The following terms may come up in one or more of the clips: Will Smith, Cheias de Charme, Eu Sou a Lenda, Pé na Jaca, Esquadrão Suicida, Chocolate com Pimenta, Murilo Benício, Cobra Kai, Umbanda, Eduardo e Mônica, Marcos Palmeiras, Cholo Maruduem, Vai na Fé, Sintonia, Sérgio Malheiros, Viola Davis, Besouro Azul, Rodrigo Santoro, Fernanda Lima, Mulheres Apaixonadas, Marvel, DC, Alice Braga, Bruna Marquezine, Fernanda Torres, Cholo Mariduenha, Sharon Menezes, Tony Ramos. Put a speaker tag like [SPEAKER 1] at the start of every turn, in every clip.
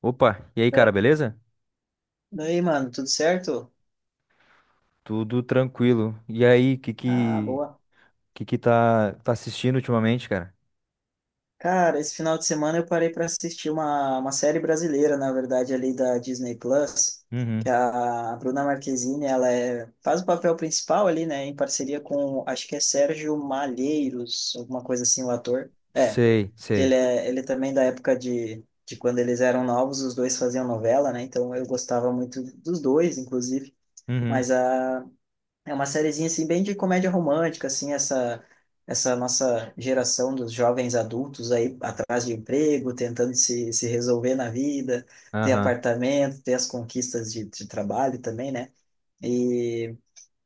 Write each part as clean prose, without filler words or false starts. [SPEAKER 1] Opa, e aí, cara,
[SPEAKER 2] Da-
[SPEAKER 1] beleza?
[SPEAKER 2] Daí, mano, tudo certo?
[SPEAKER 1] Tudo tranquilo. E aí, que
[SPEAKER 2] Ah,
[SPEAKER 1] que
[SPEAKER 2] boa.
[SPEAKER 1] que que tá assistindo ultimamente, cara?
[SPEAKER 2] Cara, esse final de semana eu parei para assistir uma série brasileira, na verdade, ali da Disney Plus,
[SPEAKER 1] Uhum.
[SPEAKER 2] que a Bruna Marquezine, faz o papel principal ali, né, em parceria com, acho que é Sérgio Malheiros, alguma coisa assim, o ator.
[SPEAKER 1] Sei, sei.
[SPEAKER 2] Ele é também da época de quando eles eram novos, os dois faziam novela, né, então eu gostava muito dos dois, inclusive.
[SPEAKER 1] Uhum.
[SPEAKER 2] Mas a é uma sériezinha assim bem de comédia romântica, assim, essa nossa geração dos jovens adultos aí atrás de emprego, tentando se resolver na vida, ter
[SPEAKER 1] Aham.
[SPEAKER 2] apartamento, ter as conquistas de trabalho também, né? E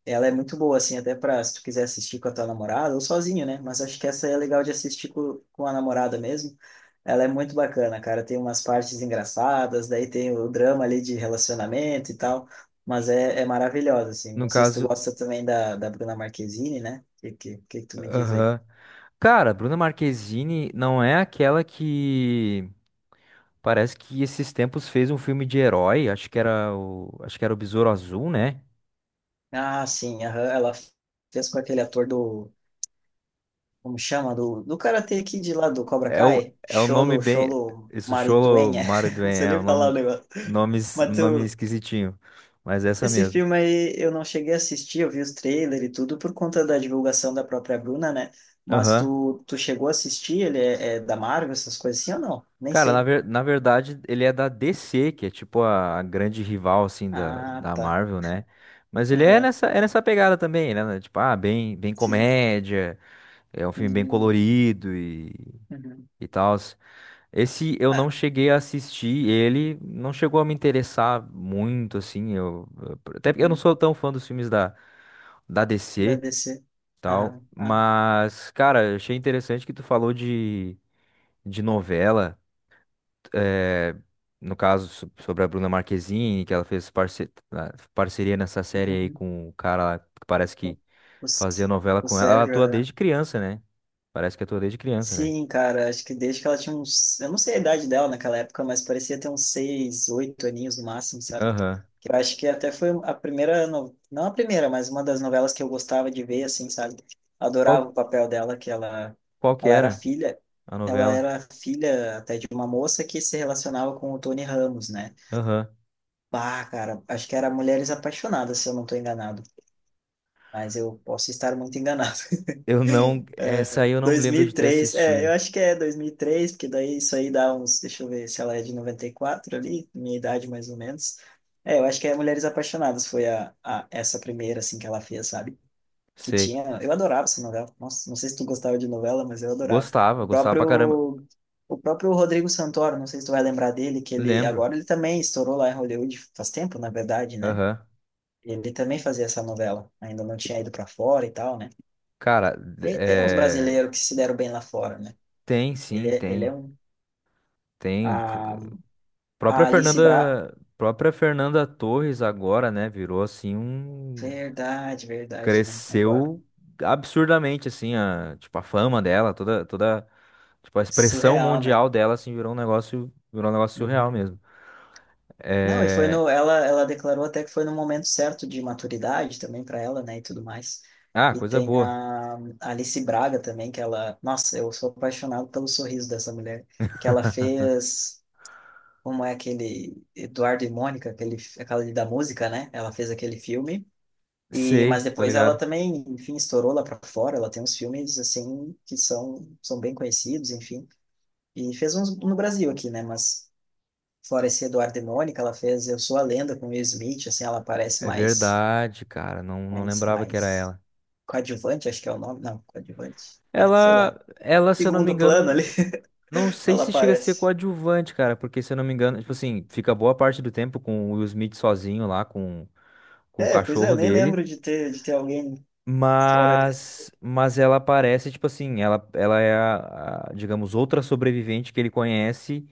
[SPEAKER 2] ela é muito boa, assim, até pra se tu quiser assistir com a tua namorada ou sozinho, né? Mas acho que essa é legal de assistir com a namorada mesmo. Ela é muito bacana, cara. Tem umas partes engraçadas, daí tem o drama ali de relacionamento e tal. Mas é maravilhosa, assim.
[SPEAKER 1] No
[SPEAKER 2] Não sei se tu
[SPEAKER 1] caso,
[SPEAKER 2] gosta também da Bruna Marquezine, né? O que tu me diz aí?
[SPEAKER 1] aham. Cara, Bruna Marquezine não é aquela que parece que esses tempos fez um filme de herói, acho que era o Besouro Azul, né?
[SPEAKER 2] Ah, sim, aham, ela fez com aquele ator do. Como chama? Do Karate Kid lá do Cobra
[SPEAKER 1] É o
[SPEAKER 2] Kai?
[SPEAKER 1] nome bem
[SPEAKER 2] Cholo
[SPEAKER 1] isso, Cholo
[SPEAKER 2] Mariduenha. Não
[SPEAKER 1] Maruduem,
[SPEAKER 2] sei
[SPEAKER 1] é o
[SPEAKER 2] nem falar o negócio.
[SPEAKER 1] nome es-
[SPEAKER 2] Mas
[SPEAKER 1] nome
[SPEAKER 2] tu,
[SPEAKER 1] esquisitinho, mas é essa
[SPEAKER 2] Esse
[SPEAKER 1] mesmo.
[SPEAKER 2] filme aí eu não cheguei a assistir, eu vi os trailers e tudo por conta da divulgação da própria Bruna, né?
[SPEAKER 1] Aham.
[SPEAKER 2] Tu chegou a assistir? É da Marvel, essas coisas assim ou não? Nem
[SPEAKER 1] Cara,
[SPEAKER 2] sei.
[SPEAKER 1] na verdade, ele é da DC, que é tipo a grande rival, assim, da,
[SPEAKER 2] Ah,
[SPEAKER 1] da
[SPEAKER 2] tá.
[SPEAKER 1] Marvel, né? Mas
[SPEAKER 2] Aham,
[SPEAKER 1] é nessa pegada também, né? Tipo, ah, bem
[SPEAKER 2] sim.
[SPEAKER 1] comédia, é um filme bem
[SPEAKER 2] Hum,
[SPEAKER 1] colorido
[SPEAKER 2] uhum.
[SPEAKER 1] e tal. Esse eu
[SPEAKER 2] Ah,
[SPEAKER 1] não cheguei a assistir, ele não chegou a me interessar muito, assim. Até porque eu não
[SPEAKER 2] uhum.
[SPEAKER 1] sou tão fã dos filmes da
[SPEAKER 2] Da
[SPEAKER 1] DC,
[SPEAKER 2] DC. Ah,
[SPEAKER 1] tal.
[SPEAKER 2] ah,
[SPEAKER 1] Mas, cara, eu achei interessante que tu falou de novela eh, no caso sobre a Bruna Marquezine, que ela fez parceria nessa série aí
[SPEAKER 2] uhum.
[SPEAKER 1] com o cara lá, que parece
[SPEAKER 2] O,
[SPEAKER 1] que
[SPEAKER 2] o
[SPEAKER 1] fazia
[SPEAKER 2] S-
[SPEAKER 1] novela
[SPEAKER 2] o
[SPEAKER 1] com ela. Ela
[SPEAKER 2] Sérgio,
[SPEAKER 1] atua
[SPEAKER 2] aham.
[SPEAKER 1] desde criança, né? Parece que atua desde criança, né?
[SPEAKER 2] Sim, cara, acho que desde que ela tinha uns. Eu não sei a idade dela naquela época, mas parecia ter uns seis, oito aninhos no máximo, sabe?
[SPEAKER 1] Aham.
[SPEAKER 2] Que eu acho que até foi a primeira. No... Não a primeira, mas uma das novelas que eu gostava de ver, assim, sabe?
[SPEAKER 1] Qual,
[SPEAKER 2] Adorava o papel dela,
[SPEAKER 1] qual que
[SPEAKER 2] ela era
[SPEAKER 1] era
[SPEAKER 2] filha.
[SPEAKER 1] a
[SPEAKER 2] Ela
[SPEAKER 1] novela?
[SPEAKER 2] era filha até de uma moça que se relacionava com o Tony Ramos, né?
[SPEAKER 1] Aham.
[SPEAKER 2] Bah, cara, acho que era Mulheres Apaixonadas, se eu não tô enganado. Mas eu posso estar muito enganado.
[SPEAKER 1] Eu não. Essa aí eu não me lembro de ter
[SPEAKER 2] 2003, é,
[SPEAKER 1] assistido.
[SPEAKER 2] eu acho que é 2003, porque daí isso aí dá uns, deixa eu ver se ela é de 94 ali, minha idade mais ou menos. É, eu acho que é Mulheres Apaixonadas foi a essa primeira assim que ela fez, sabe? Que
[SPEAKER 1] Sei.
[SPEAKER 2] tinha, eu adorava essa novela. Nossa, não sei se tu gostava de novela, mas eu adorava.
[SPEAKER 1] Gostava,
[SPEAKER 2] O
[SPEAKER 1] gostava pra caramba.
[SPEAKER 2] próprio o próprio Rodrigo Santoro, não sei se tu vai lembrar dele, que
[SPEAKER 1] Lembro.
[SPEAKER 2] ele também estourou lá em Hollywood faz tempo, na verdade, né?
[SPEAKER 1] Aham.
[SPEAKER 2] Ele também fazia essa novela, ainda não tinha ido para fora e tal, né?
[SPEAKER 1] Cara,
[SPEAKER 2] E tem uns brasileiros que se deram bem lá fora, né?
[SPEAKER 1] tem sim,
[SPEAKER 2] Ele é
[SPEAKER 1] tem.
[SPEAKER 2] um.
[SPEAKER 1] Tem.
[SPEAKER 2] A, a Alice Bra.
[SPEAKER 1] Própria Fernanda Torres agora, né, virou assim um...
[SPEAKER 2] Verdade, né? Agora.
[SPEAKER 1] Cresceu absurdamente assim, a, tipo a fama dela, toda, tipo a expressão
[SPEAKER 2] Surreal, né?
[SPEAKER 1] mundial dela assim virou um negócio surreal
[SPEAKER 2] Uhum.
[SPEAKER 1] mesmo.
[SPEAKER 2] Não, e foi
[SPEAKER 1] É...
[SPEAKER 2] no. Ela declarou até que foi no momento certo de maturidade também para ela, né? E tudo mais.
[SPEAKER 1] Ah,
[SPEAKER 2] E
[SPEAKER 1] coisa
[SPEAKER 2] tem
[SPEAKER 1] boa.
[SPEAKER 2] a Alice Braga também, que ela. Nossa, eu sou apaixonado pelo sorriso dessa mulher. Que ela fez. Como é aquele. Eduardo e Mônica, aquela da música, né? Ela fez aquele filme. E,
[SPEAKER 1] Sei,
[SPEAKER 2] mas
[SPEAKER 1] tô
[SPEAKER 2] depois ela
[SPEAKER 1] ligado.
[SPEAKER 2] também, enfim, estourou lá para fora. Ela tem uns filmes, assim, que são bem conhecidos, enfim. E fez uns no Brasil aqui, né? Mas fora esse Eduardo e Mônica, ela fez Eu Sou a Lenda com Will Smith, assim, ela parece
[SPEAKER 1] É verdade, cara, não lembrava que era
[SPEAKER 2] mais
[SPEAKER 1] ela.
[SPEAKER 2] coadjuvante, acho que é o nome. Não, coadjuvante. É, sei lá.
[SPEAKER 1] Ela, se eu não me
[SPEAKER 2] Segundo plano
[SPEAKER 1] engano,
[SPEAKER 2] ali,
[SPEAKER 1] não sei
[SPEAKER 2] ela
[SPEAKER 1] se chega a ser
[SPEAKER 2] aparece.
[SPEAKER 1] coadjuvante, cara, porque se eu não me engano, tipo assim, fica boa parte do tempo com o Will Smith sozinho lá com o
[SPEAKER 2] É, pois é, eu
[SPEAKER 1] cachorro
[SPEAKER 2] nem
[SPEAKER 1] dele,
[SPEAKER 2] lembro de ter alguém fora. Desse.
[SPEAKER 1] mas ela parece tipo assim, ela é a, digamos, outra sobrevivente que ele conhece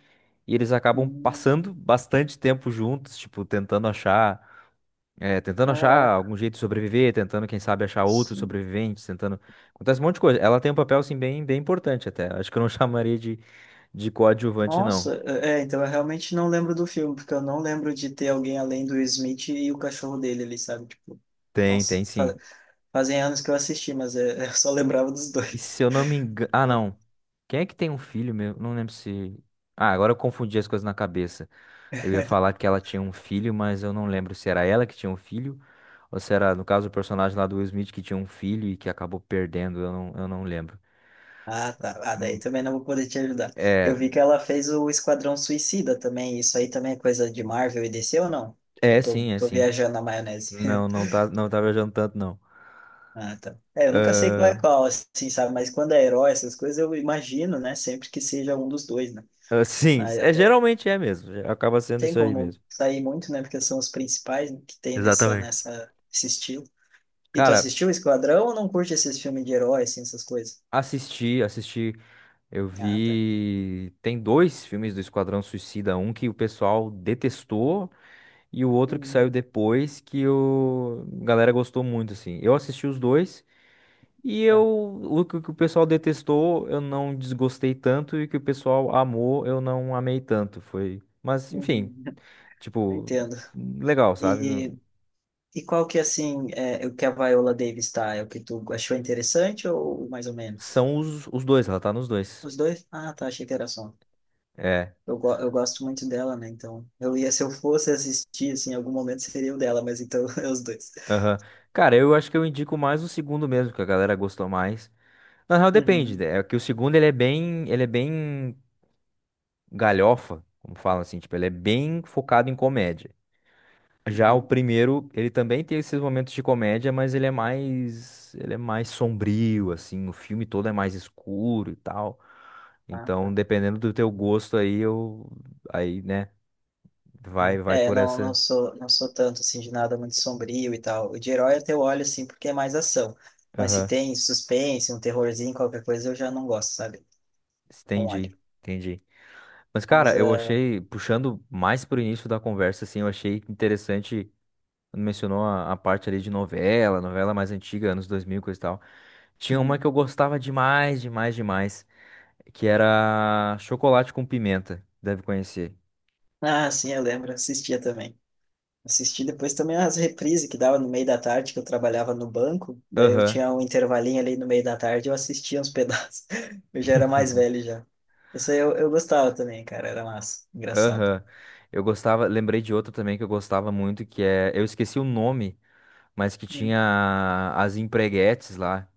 [SPEAKER 1] e eles acabam
[SPEAKER 2] Hum,
[SPEAKER 1] passando bastante tempo juntos, tipo tentando achar é, tentando achar
[SPEAKER 2] Caraca.
[SPEAKER 1] algum jeito de sobreviver, tentando, quem sabe, achar outros sobreviventes, tentando. Acontece um monte de coisa. Ela tem um papel, assim, bem importante até. Acho que eu não chamaria de coadjuvante, não.
[SPEAKER 2] Nossa, é, então eu realmente não lembro do filme, porque eu não lembro de ter alguém além do Will Smith e o cachorro dele ali, sabe? Tipo,
[SPEAKER 1] Tem,
[SPEAKER 2] nossa,
[SPEAKER 1] tem sim.
[SPEAKER 2] fazem anos que eu assisti, mas é, eu só lembrava dos
[SPEAKER 1] E
[SPEAKER 2] dois.
[SPEAKER 1] se eu não me engano. Ah, não. Quem é que tem um filho mesmo? Não lembro se. Ah, agora eu confundi as coisas na cabeça. Eu ia falar que ela tinha um filho, mas eu não lembro se era ela que tinha um filho. Ou se era, no caso, o personagem lá do Will Smith que tinha um filho e que acabou perdendo. Eu não lembro.
[SPEAKER 2] Ah, tá. Ah, daí
[SPEAKER 1] Hum,
[SPEAKER 2] também não vou poder te ajudar. Eu
[SPEAKER 1] É,
[SPEAKER 2] vi que ela fez o Esquadrão Suicida também. Isso aí também é coisa de Marvel e DC ou não?
[SPEAKER 1] é sim, é
[SPEAKER 2] Tô
[SPEAKER 1] sim.
[SPEAKER 2] viajando na maionese.
[SPEAKER 1] Não, não tá, não tá viajando tanto, não.
[SPEAKER 2] Ah, tá. É, eu nunca sei qual é
[SPEAKER 1] Ah,
[SPEAKER 2] qual, assim, sabe? Mas quando é herói, essas coisas, eu imagino, né? Sempre que seja um dos dois, né?
[SPEAKER 1] ah, sim,
[SPEAKER 2] Aí
[SPEAKER 1] é,
[SPEAKER 2] até
[SPEAKER 1] geralmente é mesmo. Acaba sendo
[SPEAKER 2] tem
[SPEAKER 1] isso aí
[SPEAKER 2] como
[SPEAKER 1] mesmo.
[SPEAKER 2] sair muito, né? Porque são os principais que tem
[SPEAKER 1] Exatamente.
[SPEAKER 2] nessa, esse estilo. E tu
[SPEAKER 1] Cara,
[SPEAKER 2] assistiu Esquadrão ou não curte esses filmes de herói, assim, essas coisas?
[SPEAKER 1] assisti, assisti. Eu
[SPEAKER 2] Ah, tá.
[SPEAKER 1] vi. Tem dois filmes do Esquadrão Suicida, um que o pessoal detestou e o outro que saiu
[SPEAKER 2] Hum,
[SPEAKER 1] depois que o a galera gostou muito, assim. Eu assisti os dois e
[SPEAKER 2] tá.
[SPEAKER 1] eu o que o pessoal detestou eu não desgostei tanto e o que o pessoal amou eu não amei tanto. Foi, mas enfim,
[SPEAKER 2] Hum, eu
[SPEAKER 1] tipo,
[SPEAKER 2] entendo.
[SPEAKER 1] legal, sabe? Não-
[SPEAKER 2] E, e qual que, assim, é o que a Viola Davis tá? É o que tu achou interessante ou mais ou menos?
[SPEAKER 1] São os dois, ela tá nos dois.
[SPEAKER 2] Os dois? Ah, tá, achei que era só.
[SPEAKER 1] É.
[SPEAKER 2] Eu gosto muito dela, né? Então, eu ia, se eu fosse assistir, assim, em algum momento seria o dela, mas então é os dois.
[SPEAKER 1] Aham. Cara, eu acho que eu indico mais o segundo mesmo, que a galera gostou mais. Na real, depende,
[SPEAKER 2] Uhum,
[SPEAKER 1] né? É que o segundo ele é bem galhofa, como falam, assim, tipo, ele é bem focado em comédia. Já o
[SPEAKER 2] uhum.
[SPEAKER 1] primeiro, ele também tem esses momentos de comédia, mas ele é mais sombrio, assim, o filme todo é mais escuro e tal.
[SPEAKER 2] Ah,
[SPEAKER 1] Então,
[SPEAKER 2] tá.
[SPEAKER 1] dependendo do teu gosto aí, eu, aí, né, vai
[SPEAKER 2] É,
[SPEAKER 1] por
[SPEAKER 2] não
[SPEAKER 1] essa.
[SPEAKER 2] sou, não sou tanto assim de nada muito sombrio e tal. O de herói até eu olho assim porque é mais ação. Mas se
[SPEAKER 1] Aham,
[SPEAKER 2] tem suspense, um terrorzinho, qualquer coisa, eu já não gosto, sabe? Não olho.
[SPEAKER 1] entendi, entendi. Mas,
[SPEAKER 2] Mas,
[SPEAKER 1] cara, eu
[SPEAKER 2] ah,
[SPEAKER 1] achei, puxando mais pro início da conversa, assim, eu achei interessante quando mencionou a parte ali de novela, novela mais antiga, anos 2000, e coisa e tal. Tinha uma
[SPEAKER 2] uhum.
[SPEAKER 1] que eu gostava demais, demais, demais, que era Chocolate com Pimenta, deve conhecer.
[SPEAKER 2] Ah, sim, eu lembro, assistia também. Assisti depois também as reprises que dava no meio da tarde, que eu trabalhava no banco. Daí eu
[SPEAKER 1] Aham,
[SPEAKER 2] tinha um intervalinho ali no meio da tarde, eu assistia uns pedaços. Eu já era mais velho já. Isso aí eu gostava também, cara, era massa, engraçado.
[SPEAKER 1] aham. Eu gostava, lembrei de outra também que eu gostava muito, que é, eu esqueci o nome, mas que
[SPEAKER 2] Hum.
[SPEAKER 1] tinha as empreguetes lá,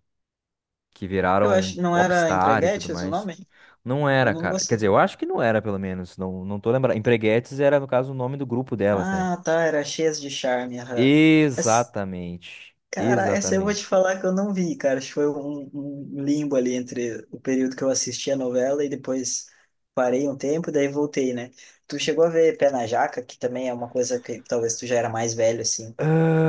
[SPEAKER 1] que
[SPEAKER 2] Eu
[SPEAKER 1] viraram
[SPEAKER 2] acho, não era
[SPEAKER 1] popstar e tudo
[SPEAKER 2] Empreguetes o
[SPEAKER 1] mais.
[SPEAKER 2] nome?
[SPEAKER 1] Não
[SPEAKER 2] Eu
[SPEAKER 1] era,
[SPEAKER 2] não
[SPEAKER 1] cara. Quer
[SPEAKER 2] gosto.
[SPEAKER 1] dizer, eu acho que não era, pelo menos. Não, não tô lembrando. Empreguetes era, no caso, o nome do grupo delas, né?
[SPEAKER 2] Ah, tá, era cheias de charme, aham. Essa-
[SPEAKER 1] Exatamente.
[SPEAKER 2] cara, essa eu vou te
[SPEAKER 1] Exatamente.
[SPEAKER 2] falar que eu não vi, cara. Acho que foi um limbo ali entre o período que eu assisti a novela e depois parei um tempo, daí voltei, né? Tu chegou a ver Pé na Jaca, que também é uma coisa que talvez tu já era mais velho, assim,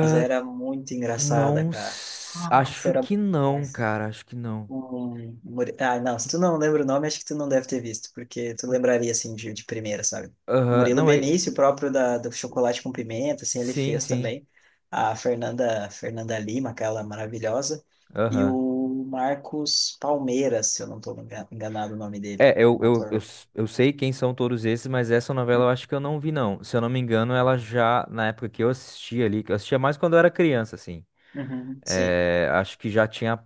[SPEAKER 2] mas era muito engraçada,
[SPEAKER 1] não.
[SPEAKER 2] cara. Nossa,
[SPEAKER 1] Acho
[SPEAKER 2] era
[SPEAKER 1] que
[SPEAKER 2] bom
[SPEAKER 1] não,
[SPEAKER 2] demais.
[SPEAKER 1] cara. Acho que não.
[SPEAKER 2] Um... Muri- Ah, não, se tu não lembra o nome, acho que tu não deve ter visto, porque tu lembraria, assim, de primeira, sabe?
[SPEAKER 1] Aham.
[SPEAKER 2] Murilo
[SPEAKER 1] Não, é.
[SPEAKER 2] Benício, o próprio do Chocolate com Pimenta, assim, ele
[SPEAKER 1] Sim,
[SPEAKER 2] fez
[SPEAKER 1] sim.
[SPEAKER 2] também. A Fernanda, Fernanda Lima, aquela maravilhosa. E
[SPEAKER 1] Aham.
[SPEAKER 2] o Marcos Palmeiras, se eu não estou enganado o nome dele,
[SPEAKER 1] É,
[SPEAKER 2] um ator.
[SPEAKER 1] eu sei quem são todos esses, mas essa novela eu
[SPEAKER 2] Uhum,
[SPEAKER 1] acho que eu não vi, não. Se eu não me engano, ela já, na época que eu assistia ali, que eu assistia mais quando eu era criança, assim.
[SPEAKER 2] uhum, sim.
[SPEAKER 1] É, acho que já tinha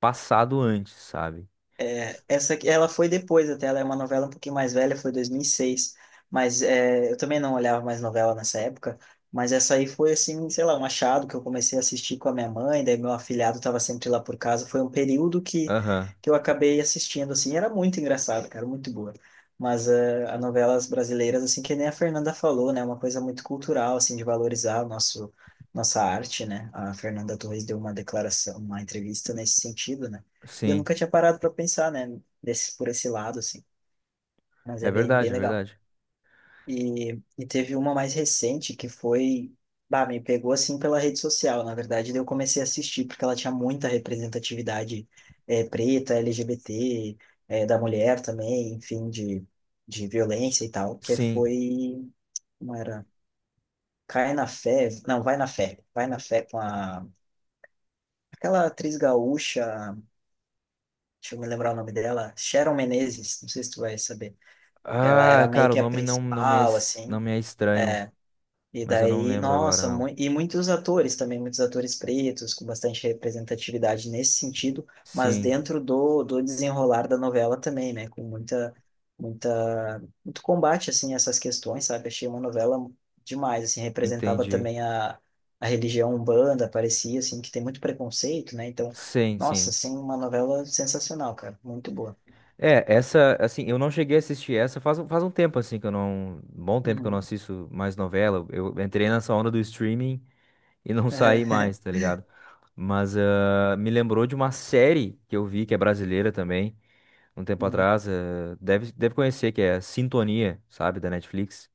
[SPEAKER 1] passado antes, sabe?
[SPEAKER 2] É, essa aqui, ela foi depois até, ela é uma novela um pouquinho mais velha, foi 2006, mas é, eu também não olhava mais novela nessa época, mas essa aí foi assim, sei lá, um achado que eu comecei a assistir com a minha mãe, daí meu afilhado estava sempre lá por casa, foi um período
[SPEAKER 1] Aham.
[SPEAKER 2] que eu acabei assistindo, assim, era muito engraçado, cara, muito boa. Mas é, as novelas brasileiras, assim, que nem a Fernanda falou, né, uma coisa muito cultural, assim, de valorizar o nosso, nossa arte, né, a Fernanda Torres deu uma declaração, uma entrevista nesse sentido, né, e eu
[SPEAKER 1] Sim.
[SPEAKER 2] nunca tinha parado para pensar, né, desse, por esse lado, assim. Mas
[SPEAKER 1] É
[SPEAKER 2] é bem
[SPEAKER 1] verdade, é
[SPEAKER 2] legal.
[SPEAKER 1] verdade.
[SPEAKER 2] E teve uma mais recente que foi. Bah, me pegou assim pela rede social, na verdade. Daí eu comecei a assistir, porque ela tinha muita representatividade preta, LGBT, da mulher também, enfim, de violência e tal. Que
[SPEAKER 1] Sim.
[SPEAKER 2] foi. Não era. Cai na fé. Não, vai na fé. Vai na fé com a. Aquela atriz gaúcha, deixa eu me lembrar o nome dela, Sharon Menezes, não sei se tu vai saber. Ela
[SPEAKER 1] Ah,
[SPEAKER 2] era meio
[SPEAKER 1] cara, o
[SPEAKER 2] que a
[SPEAKER 1] nome não,
[SPEAKER 2] principal,
[SPEAKER 1] não
[SPEAKER 2] assim.
[SPEAKER 1] me é estranho,
[SPEAKER 2] E
[SPEAKER 1] mas eu não
[SPEAKER 2] daí,
[SPEAKER 1] lembro agora,
[SPEAKER 2] nossa, mu
[SPEAKER 1] não.
[SPEAKER 2] e muitos atores também, muitos atores pretos, com bastante representatividade nesse sentido, mas
[SPEAKER 1] Sim,
[SPEAKER 2] dentro do desenrolar da novela também, né? Com muito combate, assim, a essas questões, sabe? Achei uma novela demais, assim, representava
[SPEAKER 1] entendi.
[SPEAKER 2] também a religião Umbanda, parecia, assim, que tem muito preconceito, né? Então,
[SPEAKER 1] Sim,
[SPEAKER 2] nossa,
[SPEAKER 1] sim.
[SPEAKER 2] assim, uma novela sensacional, cara, muito boa.
[SPEAKER 1] É, essa, assim, eu não cheguei a assistir essa faz, faz um tempo, assim, que eu não. Bom tempo que eu não
[SPEAKER 2] Uhum.
[SPEAKER 1] assisto mais novela. Eu entrei nessa onda do streaming e não saí mais, tá ligado? Mas ah, me lembrou de uma série que eu vi, que é brasileira também, um tempo atrás. Ah, deve conhecer, que é Sintonia, sabe, da Netflix.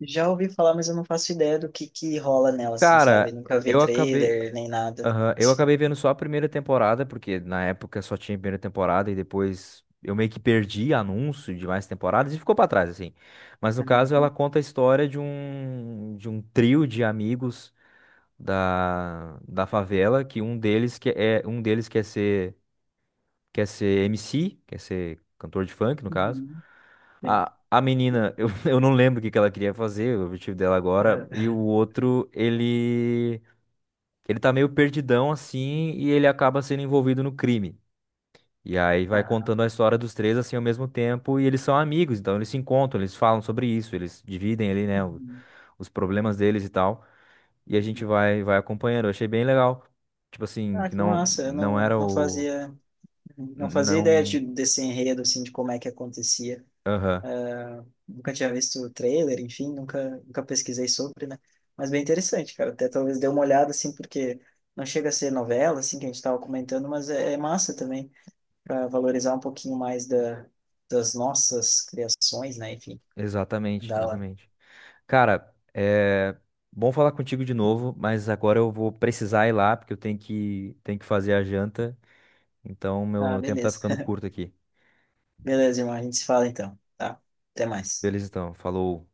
[SPEAKER 2] Já ouvi falar, mas eu não faço ideia do que rola nela, assim, sabe?
[SPEAKER 1] Cara,
[SPEAKER 2] Nunca vi
[SPEAKER 1] eu acabei.
[SPEAKER 2] trailer nem nada,
[SPEAKER 1] Aham, eu
[SPEAKER 2] assim.
[SPEAKER 1] acabei vendo só a primeira temporada, porque na época só tinha a primeira temporada e depois eu meio que perdi anúncio de mais temporadas e ficou pra trás, assim. Mas no caso ela
[SPEAKER 2] Uhum.
[SPEAKER 1] conta a história de um trio de amigos da favela, que um deles quer ser MC, quer ser cantor de funk, no caso.
[SPEAKER 2] Uhum. Sim.
[SPEAKER 1] A menina, eu não lembro o que que ela queria fazer, o objetivo dela agora,
[SPEAKER 2] Ah,
[SPEAKER 1] e o outro, ele tá meio perdidão assim e ele acaba sendo envolvido no crime. E aí vai
[SPEAKER 2] ah.
[SPEAKER 1] contando a história dos três assim ao mesmo tempo e eles são amigos, então eles se encontram, eles falam sobre isso, eles dividem ali, né, o-
[SPEAKER 2] Uhum.
[SPEAKER 1] os problemas deles e tal. E a gente vai acompanhando. Eu achei bem legal. Tipo assim,
[SPEAKER 2] Ah,
[SPEAKER 1] que
[SPEAKER 2] que massa, eu
[SPEAKER 1] não
[SPEAKER 2] não,
[SPEAKER 1] era
[SPEAKER 2] não
[SPEAKER 1] o
[SPEAKER 2] fazia, não fazia ideia
[SPEAKER 1] não,
[SPEAKER 2] de, desse enredo, assim, de como é que acontecia.
[SPEAKER 1] aham,
[SPEAKER 2] Ah, nunca tinha visto o trailer, enfim, nunca pesquisei sobre, né? Mas bem interessante, cara, até talvez dê uma olhada, assim, porque não chega a ser novela, assim, que a gente estava comentando, mas é, é massa também. Para valorizar um pouquinho mais da, das nossas criações, né? Enfim,
[SPEAKER 1] exatamente,
[SPEAKER 2] da hora.
[SPEAKER 1] exatamente. Cara, é bom falar contigo de novo, mas agora eu vou precisar ir lá porque eu tenho que fazer a janta. Então,
[SPEAKER 2] Ah,
[SPEAKER 1] meu tempo tá
[SPEAKER 2] beleza.
[SPEAKER 1] ficando curto aqui.
[SPEAKER 2] Beleza, irmão. A gente se fala então, tá? Até mais.
[SPEAKER 1] Beleza, então. Falou.